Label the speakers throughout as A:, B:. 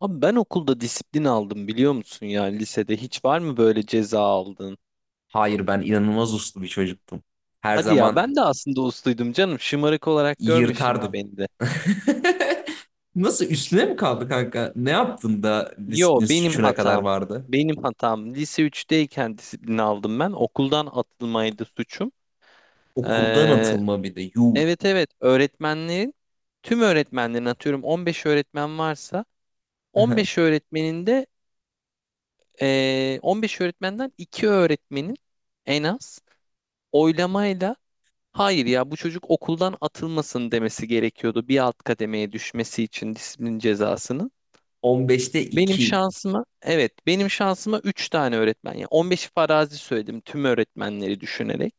A: Abi ben okulda disiplin aldım biliyor musun ya? Lisede hiç var mı, böyle ceza aldın?
B: Hayır ben inanılmaz uslu bir çocuktum. Her
A: Hadi ya,
B: zaman
A: ben de aslında usluydum canım, şımarık olarak görme şimdi
B: yırtardım.
A: beni de.
B: Nasıl üstüne mi kaldı kanka? Ne yaptın da
A: Yo,
B: disiplin
A: benim
B: suçuna kadar
A: hatam.
B: vardı?
A: Benim hatam. Lise üçteyken disiplin aldım ben. Okuldan atılmaydı suçum.
B: Okuldan
A: Ee,
B: atılma bir de. Yuh.
A: evet evet, tüm öğretmenlerin, atıyorum 15 öğretmen varsa, 15 öğretmenin de 15 öğretmenden 2 öğretmenin en az oylamayla, hayır ya, bu çocuk okuldan atılmasın demesi gerekiyordu bir alt kademeye düşmesi için disiplin cezasını.
B: 15'te
A: Benim
B: 2.
A: şansıma, evet, benim şansıma 3 tane öğretmen, ya 15 farazi söyledim tüm öğretmenleri düşünerek.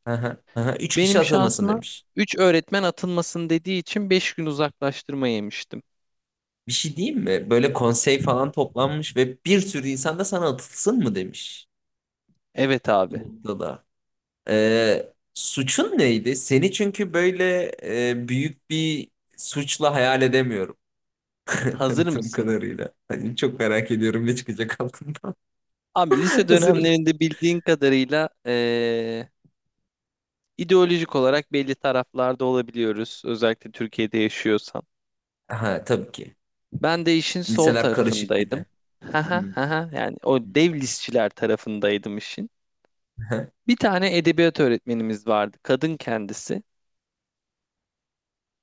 B: Üç kişi
A: Benim
B: atılmasın
A: şansıma
B: demiş.
A: 3 öğretmen atılmasın dediği için 5 gün uzaklaştırma yemiştim.
B: Bir şey diyeyim mi? Böyle konsey falan toplanmış ve bir sürü insan da sana atılsın mı demiş
A: Evet abi,
B: bu noktada. Suçun neydi? Seni çünkü böyle büyük bir suçla hayal edemiyorum.
A: hazır
B: Tanıtım
A: mısın?
B: kadarıyla. Hani çok merak ediyorum ne çıkacak altından.
A: Abi, lise
B: Hazırım.
A: dönemlerinde bildiğin kadarıyla ideolojik olarak belli taraflarda olabiliyoruz, özellikle Türkiye'de yaşıyorsan.
B: Ha tabii ki.
A: Ben de işin sol
B: Liseler karışık bir de.
A: tarafındaydım. Haha,
B: Hmm,
A: haha. Yani o dev
B: hmm.
A: listçiler tarafındaydım işin. Bir tane edebiyat öğretmenimiz vardı, kadın kendisi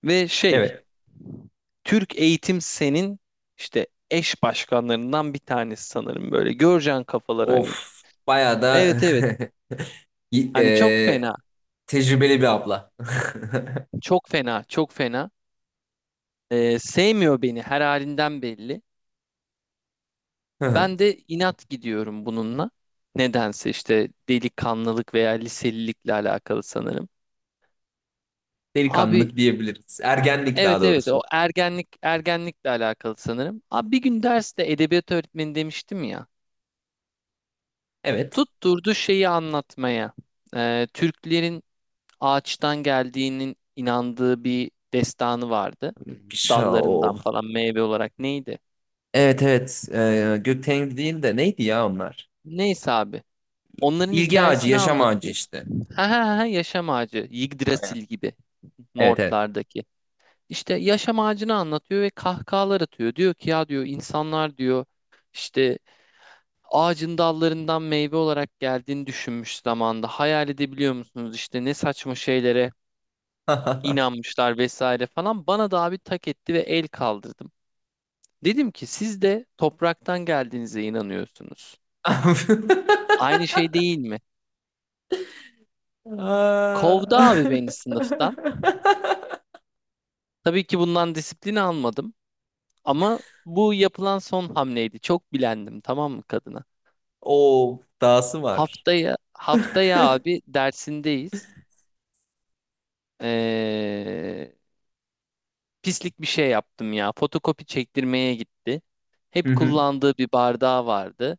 A: ve
B: Evet.
A: Türk Eğitim Sen'in işte eş başkanlarından bir tanesi sanırım, böyle. Göreceğin kafalar hani.
B: Of. Bayağı da
A: Evet evet.
B: y-
A: Hani çok
B: e,
A: fena,
B: tecrübeli bir abla.
A: çok fena, çok fena. Sevmiyor beni, her halinden belli. Ben de inat gidiyorum bununla. Nedense işte delikanlılık veya liselilikle alakalı sanırım. Abi,
B: Delikanlılık diyebiliriz. Ergenlik
A: evet
B: daha
A: evet, o
B: doğrusu.
A: ergenlik, ergenlikle alakalı sanırım. Abi bir gün derste, edebiyat öğretmeni demiştim ya,
B: Evet.
A: tutturdu şeyi anlatmaya. Türklerin ağaçtan geldiğinin inandığı bir destanı vardı.
B: O.
A: Dallarından falan meyve olarak neydi?
B: Evet evet. Gökten değil de neydi ya onlar?
A: Neyse abi. Onların
B: Bilgi ağacı,
A: hikayesini
B: yaşam ağacı
A: anlatıyor.
B: işte.
A: Ha ha ha, yaşam ağacı. Yggdrasil gibi,
B: Evet evet.
A: Nordlardaki. İşte yaşam ağacını anlatıyor ve kahkahalar atıyor. Diyor ki ya, diyor, insanlar, diyor, işte ağacın dallarından meyve olarak geldiğini düşünmüş zamanda. Hayal edebiliyor musunuz? İşte ne saçma şeylere inanmışlar vesaire falan. Bana da abi tak etti ve el kaldırdım. Dedim ki siz de topraktan geldiğinize inanıyorsunuz. Aynı şey değil mi?
B: Aa.
A: Kovdu abi beni sınıftan. Tabii ki bundan disiplin almadım ama bu yapılan son hamleydi. Çok bilendim tamam mı kadına?
B: Oo, dahası var.
A: Haftaya abi dersindeyiz. Ee, Pislik bir şey yaptım ya. Fotokopi çektirmeye gitti.
B: Hı
A: Hep
B: hı.
A: kullandığı bir bardağı vardı.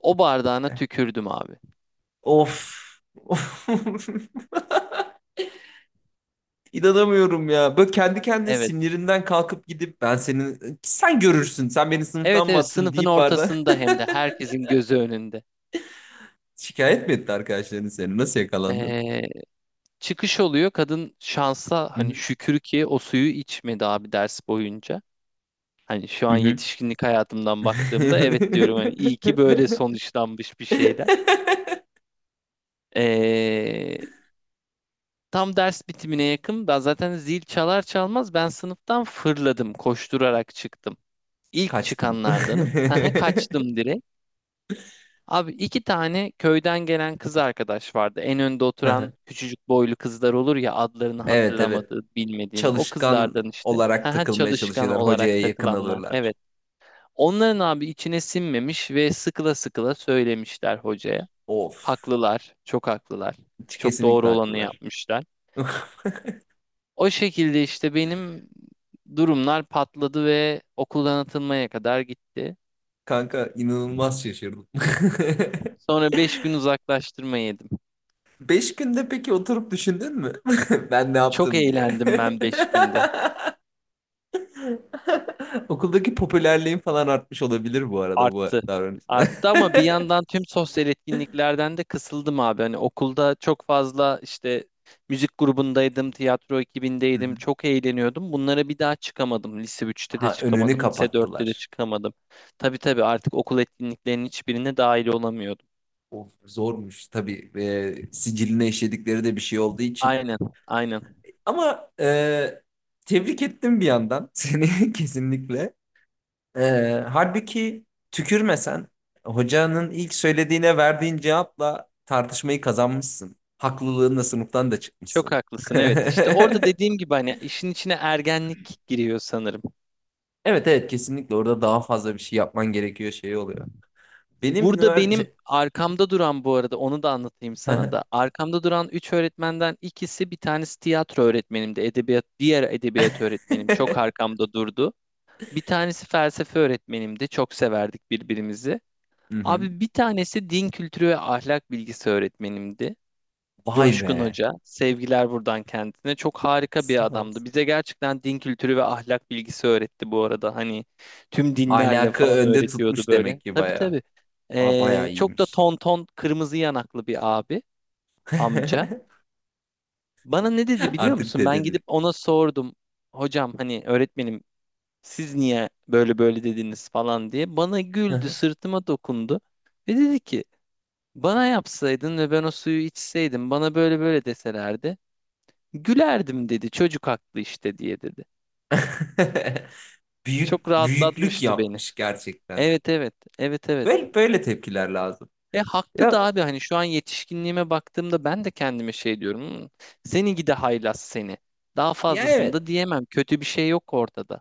A: O bardağına tükürdüm abi.
B: Of. İnanamıyorum ya. Böyle kendi kendine
A: Evet.
B: sinirinden kalkıp gidip ben senin sen görürsün sen beni
A: Evet
B: sınıftan mı
A: evet,
B: attın
A: sınıfın
B: deyip barda
A: ortasında hem de, herkesin gözü önünde.
B: şikayet mi etti arkadaşların seni? Nasıl yakalandın?
A: Ee, Çıkış oluyor. Kadın şansa,
B: Hı
A: hani
B: hı.
A: şükür ki o suyu içmedi abi ders boyunca. Hani şu
B: Hı
A: an
B: hı.
A: yetişkinlik hayatımdan baktığımda evet diyorum, hani iyi ki böyle sonuçlanmış bir şeyler. Ee, Tam ders bitimine yakın, zaten zil çalar çalmaz ben sınıftan fırladım, koşturarak çıktım. İlk
B: Kaçtın.
A: çıkanlardanım. Haha, kaçtım direkt. Abi iki tane köyden gelen kız arkadaş vardı. En önde oturan küçücük boylu kızlar olur ya, adlarını
B: Evet evet.
A: hatırlamadığın, bilmediğin, o
B: Çalışkan
A: kızlardan işte.
B: olarak
A: Haha,
B: takılmaya
A: çalışkan
B: çalışırlar.
A: olarak
B: Hocaya yakın
A: takılanlar.
B: alırlar.
A: Evet. Onların abi içine sinmemiş ve sıkıla sıkıla söylemişler hocaya.
B: Of.
A: Haklılar, çok haklılar. Çok
B: Kesinlikle
A: doğru olanı
B: haklılar.
A: yapmışlar. O şekilde işte benim durumlar patladı ve okuldan atılmaya kadar gitti.
B: Kanka inanılmaz şaşırdım.
A: Sonra 5 gün uzaklaştırma yedim.
B: Beş günde peki oturup düşündün mü? Ben ne
A: Çok
B: yaptım diye.
A: eğlendim ben 5 günde.
B: Okuldaki popülerliğin falan artmış olabilir bu arada bu
A: Arttı.
B: davranışla.
A: Arttı ama bir yandan tüm sosyal etkinliklerden de kısıldım abi. Hani okulda çok fazla işte müzik grubundaydım, tiyatro
B: Hı
A: ekibindeydim.
B: hı.
A: Çok eğleniyordum. Bunlara bir daha çıkamadım. Lise üçte de
B: Ha önünü
A: çıkamadım, lise dörtte de
B: kapattılar.
A: çıkamadım. Tabii tabii, artık okul etkinliklerinin hiçbirine dahil olamıyordum.
B: Of zormuş tabii. Siciline işledikleri de bir şey olduğu için.
A: Aynen, aynen.
B: Ama tebrik ettim bir yandan seni kesinlikle. E, halbuki tükürmesen hocanın ilk söylediğine verdiğin cevapla tartışmayı kazanmışsın. Haklılığınla sınıftan da
A: Çok
B: çıkmışsın.
A: haklısın, evet. İşte orada dediğim gibi, hani işin içine ergenlik giriyor sanırım.
B: Evet evet kesinlikle orada daha fazla bir şey yapman gerekiyor şey oluyor. Benim
A: Burada benim
B: üniversite...
A: arkamda duran, bu arada onu da anlatayım sana
B: Hı
A: da. Arkamda duran üç öğretmenden ikisi, bir tanesi tiyatro öğretmenimdi. Edebiyat, diğer edebiyat öğretmenim çok arkamda durdu. Bir tanesi felsefe öğretmenimdi. Çok severdik birbirimizi.
B: hı.
A: Abi bir tanesi din kültürü ve ahlak bilgisi öğretmenimdi.
B: Vay
A: Coşkun
B: be.
A: Hoca. Sevgiler buradan kendisine. Çok harika bir
B: Sağ
A: adamdı.
B: olsun.
A: Bize gerçekten din kültürü ve ahlak bilgisi öğretti bu arada. Hani tüm dinlerle
B: Ahlakı
A: falan
B: önde
A: öğretiyordu
B: tutmuş demek
A: böyle.
B: ki
A: Tabii
B: bayağı.
A: tabii.
B: Aa, bayağı
A: Çok da
B: iyiymiş.
A: ton ton kırmızı yanaklı bir abi, amca. Bana ne dedi biliyor
B: Artık
A: musun? Ben
B: dede
A: gidip ona sordum. Hocam hani, öğretmenim, siz niye böyle böyle dediniz falan diye. Bana
B: Hı
A: güldü,
B: hı.
A: sırtıma dokundu. Ve dedi ki bana yapsaydın ve ben o suyu içseydim, bana böyle böyle deselerdi, gülerdim, dedi. Çocuk haklı işte, diye dedi.
B: Büyük
A: Çok
B: büyüklük
A: rahatlatmıştı beni.
B: yapmış gerçekten.
A: Evet evet. Evet evet.
B: Böyle böyle tepkiler lazım.
A: E haklı da
B: Ya
A: abi, hani şu an yetişkinliğime baktığımda ben de kendime şey diyorum. "Hmm, seni gide haylaz seni." Daha
B: ya
A: fazlasını da
B: evet.
A: diyemem. Kötü bir şey yok ortada.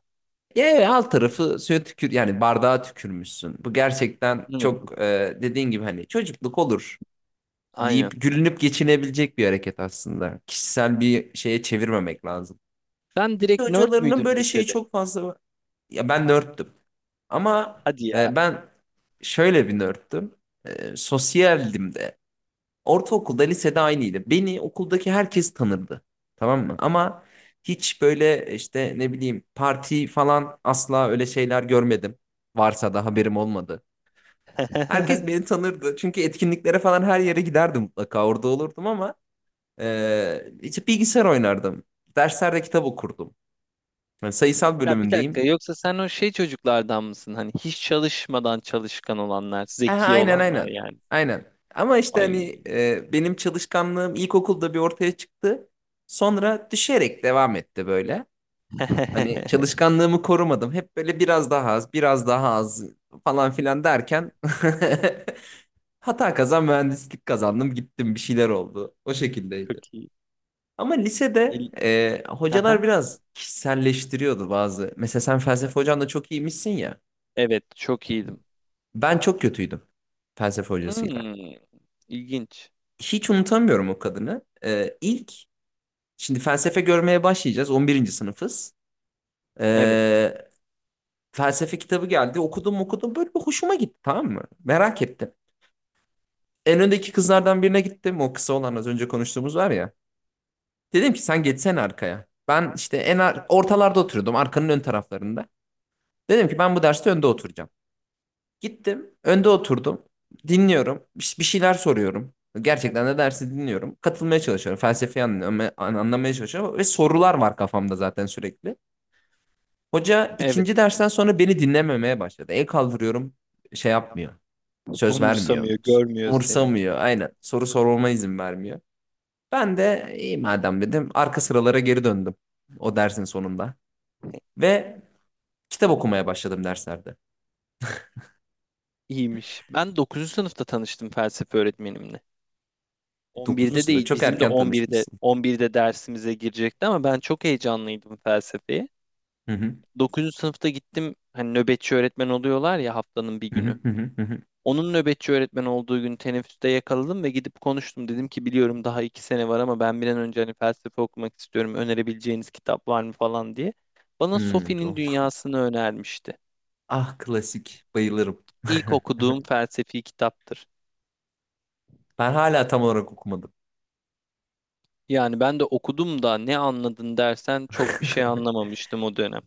B: Ya evet, alt tarafı suya tükür yani bardağa tükürmüşsün. Bu gerçekten
A: Evet.
B: çok dediğin gibi hani çocukluk olur
A: Aynen.
B: deyip gülünüp geçinebilecek bir hareket aslında. Kişisel bir şeye çevirmemek lazım.
A: Sen
B: Lise
A: direkt nerd
B: hocalarının
A: müydün
B: böyle şeyi
A: lisede?
B: çok fazla var. Ya ben nörttüm. Ama
A: Hadi ya.
B: ben şöyle bir nörttüm. Sosyaldim de. Ortaokulda, lisede aynıydı. Beni okuldaki herkes tanırdı. Tamam mı? Ama hiç böyle işte ne bileyim parti falan asla öyle şeyler görmedim. Varsa da haberim olmadı. Herkes beni tanırdı. Çünkü etkinliklere falan her yere giderdim mutlaka. Orada olurdum ama işte bilgisayar oynardım. Derslerde kitap okurdum. Yani sayısal
A: Ya bir dakika,
B: bölümündeyim.
A: yoksa sen o şey çocuklardan mısın? Hani hiç çalışmadan çalışkan olanlar,
B: Aha,
A: zeki
B: aynen
A: olanlar
B: aynen.
A: yani.
B: Aynen. Ama işte
A: Ay.
B: hani benim çalışkanlığım ilkokulda bir ortaya çıktı. Sonra düşerek devam etti böyle. Hani çalışkanlığımı korumadım. Hep böyle biraz daha az, biraz daha az falan filan derken hata kazan mühendislik kazandım. Gittim bir şeyler oldu. O
A: Çok
B: şekildeydi.
A: iyi.
B: Ama lisede
A: İl-
B: hocalar biraz kişiselleştiriyordu bazı. Mesela sen felsefe hocan da çok iyiymişsin ya.
A: Evet, çok iyiydim.
B: Ben çok kötüydüm felsefe hocasıyla.
A: Hmm, ilginç.
B: Hiç unutamıyorum o kadını. Şimdi felsefe görmeye başlayacağız. 11'inci sınıfız.
A: Evet,
B: E, felsefe kitabı geldi. Okudum okudum böyle bir hoşuma gitti tamam mı? Merak ettim. En öndeki kızlardan birine gittim. O kısa olan az önce konuştuğumuz var ya. Dedim ki sen geçsene arkaya. Ben işte ortalarda oturuyordum. Arkanın ön taraflarında. Dedim ki ben bu derste önde oturacağım. Gittim. Önde oturdum. Dinliyorum. Bir şeyler soruyorum. Gerçekten de dersi dinliyorum. Katılmaya çalışıyorum. Felsefeyi anlamaya çalışıyorum. Ve sorular var kafamda zaten sürekli. Hoca
A: evet.
B: ikinci dersten sonra beni dinlememeye başladı. El kaldırıyorum şey yapmıyor. Söz vermiyor.
A: Umursamıyor, görmüyor seni.
B: Umursamıyor. Aynen. Soru sorulma izin vermiyor. Ben de iyi madem dedim. Arka sıralara geri döndüm. O dersin sonunda. Ve kitap okumaya başladım derslerde.
A: İyiymiş. Ben dokuzuncu sınıfta tanıştım felsefe öğretmenimle.
B: Dokuzuncu
A: 11'de
B: sırada
A: değil,
B: çok
A: bizim de
B: erken
A: 11'de
B: tanışmışsın.
A: 11'de dersimize girecekti ama ben çok heyecanlıydım felsefeye.
B: Hı hı,
A: Dokuzuncu sınıfta gittim, hani nöbetçi öğretmen oluyorlar ya haftanın bir
B: hı hı,
A: günü.
B: hı hı, hı hı.
A: Onun nöbetçi öğretmen olduğu gün teneffüste yakaladım ve gidip konuştum. Dedim ki biliyorum daha 2 sene var ama ben bir an önce hani felsefe okumak istiyorum, önerebileceğiniz kitap var mı falan diye. Bana
B: Hmm,
A: Sophie'nin
B: tamam.
A: Dünyası'nı önermişti.
B: Ah klasik. Bayılırım.
A: İlk okuduğum felsefi kitaptır.
B: Ben hala tam olarak okumadım.
A: Yani ben de okudum da, ne anladın dersen, çok bir şey anlamamıştım o dönem.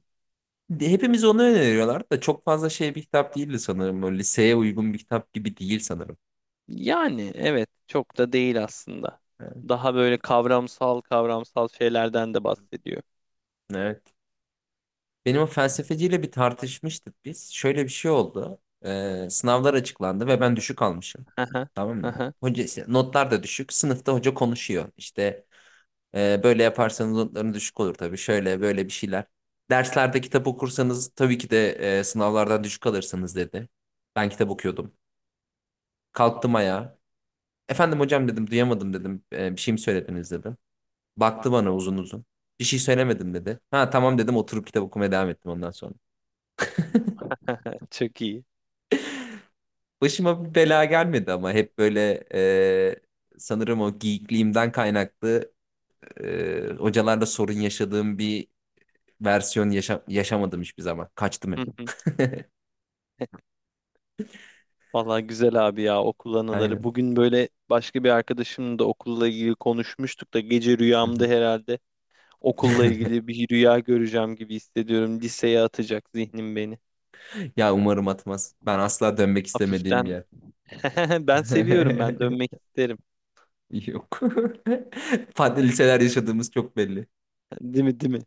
B: Hepimiz onu öneriyorlar da çok fazla şey bir kitap değildi sanırım. Böyle liseye uygun bir kitap gibi değil sanırım.
A: Yani evet, çok da değil aslında. Daha böyle kavramsal kavramsal şeylerden de bahsediyor.
B: Evet. Benim o felsefeciyle bir tartışmıştık biz. Şöyle bir şey oldu. Sınavlar açıklandı ve ben düşük almışım.
A: Aha,
B: Tamam mı?
A: aha,
B: Hoca işte, notlar da düşük. Sınıfta hoca konuşuyor. İşte böyle yaparsanız notların düşük olur tabii. Şöyle böyle bir şeyler. Derslerde kitap okursanız tabii ki de sınavlardan düşük alırsınız dedi. Ben kitap okuyordum. Kalktım ayağa. Efendim hocam dedim duyamadım dedim. "Bir şey mi söylediniz dedim. Baktı bana uzun uzun. Bir şey söylemedim dedi. Ha tamam dedim oturup kitap okumaya devam ettim ondan sonra.
A: çok iyi.
B: Başıma bir bela gelmedi ama hep böyle sanırım o geekliğimden kaynaklı hocalarla sorun yaşadığım bir versiyon yaşamadım hiçbir zaman. Kaçtım
A: Hı
B: hep.
A: hı. Vallahi güzel abi ya, okul anıları.
B: Aynen.
A: Bugün böyle başka bir arkadaşımla da okulla ilgili konuşmuştuk da, gece
B: Hı hı.
A: rüyamda herhalde okulla ilgili bir rüya göreceğim gibi hissediyorum. Liseye atacak zihnim beni.
B: Ya umarım atmaz. Ben asla dönmek istemediğim bir
A: Hafiften
B: yer.
A: ben seviyorum, ben dönmek isterim.
B: Yok. Farklı liseler yaşadığımız çok belli.
A: Değil mi, değil mi?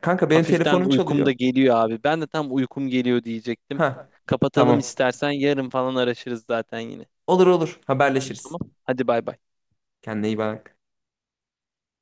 B: Kanka benim
A: Hafiften
B: telefonum
A: uykum
B: çalıyor.
A: da geliyor abi. Ben de tam uykum geliyor diyecektim.
B: Ha,
A: Kapatalım
B: tamam.
A: istersen, yarın falan araşırız zaten yine.
B: Olur olur haberleşiriz.
A: Tamam. Hadi bay bay.
B: Kendine iyi bak.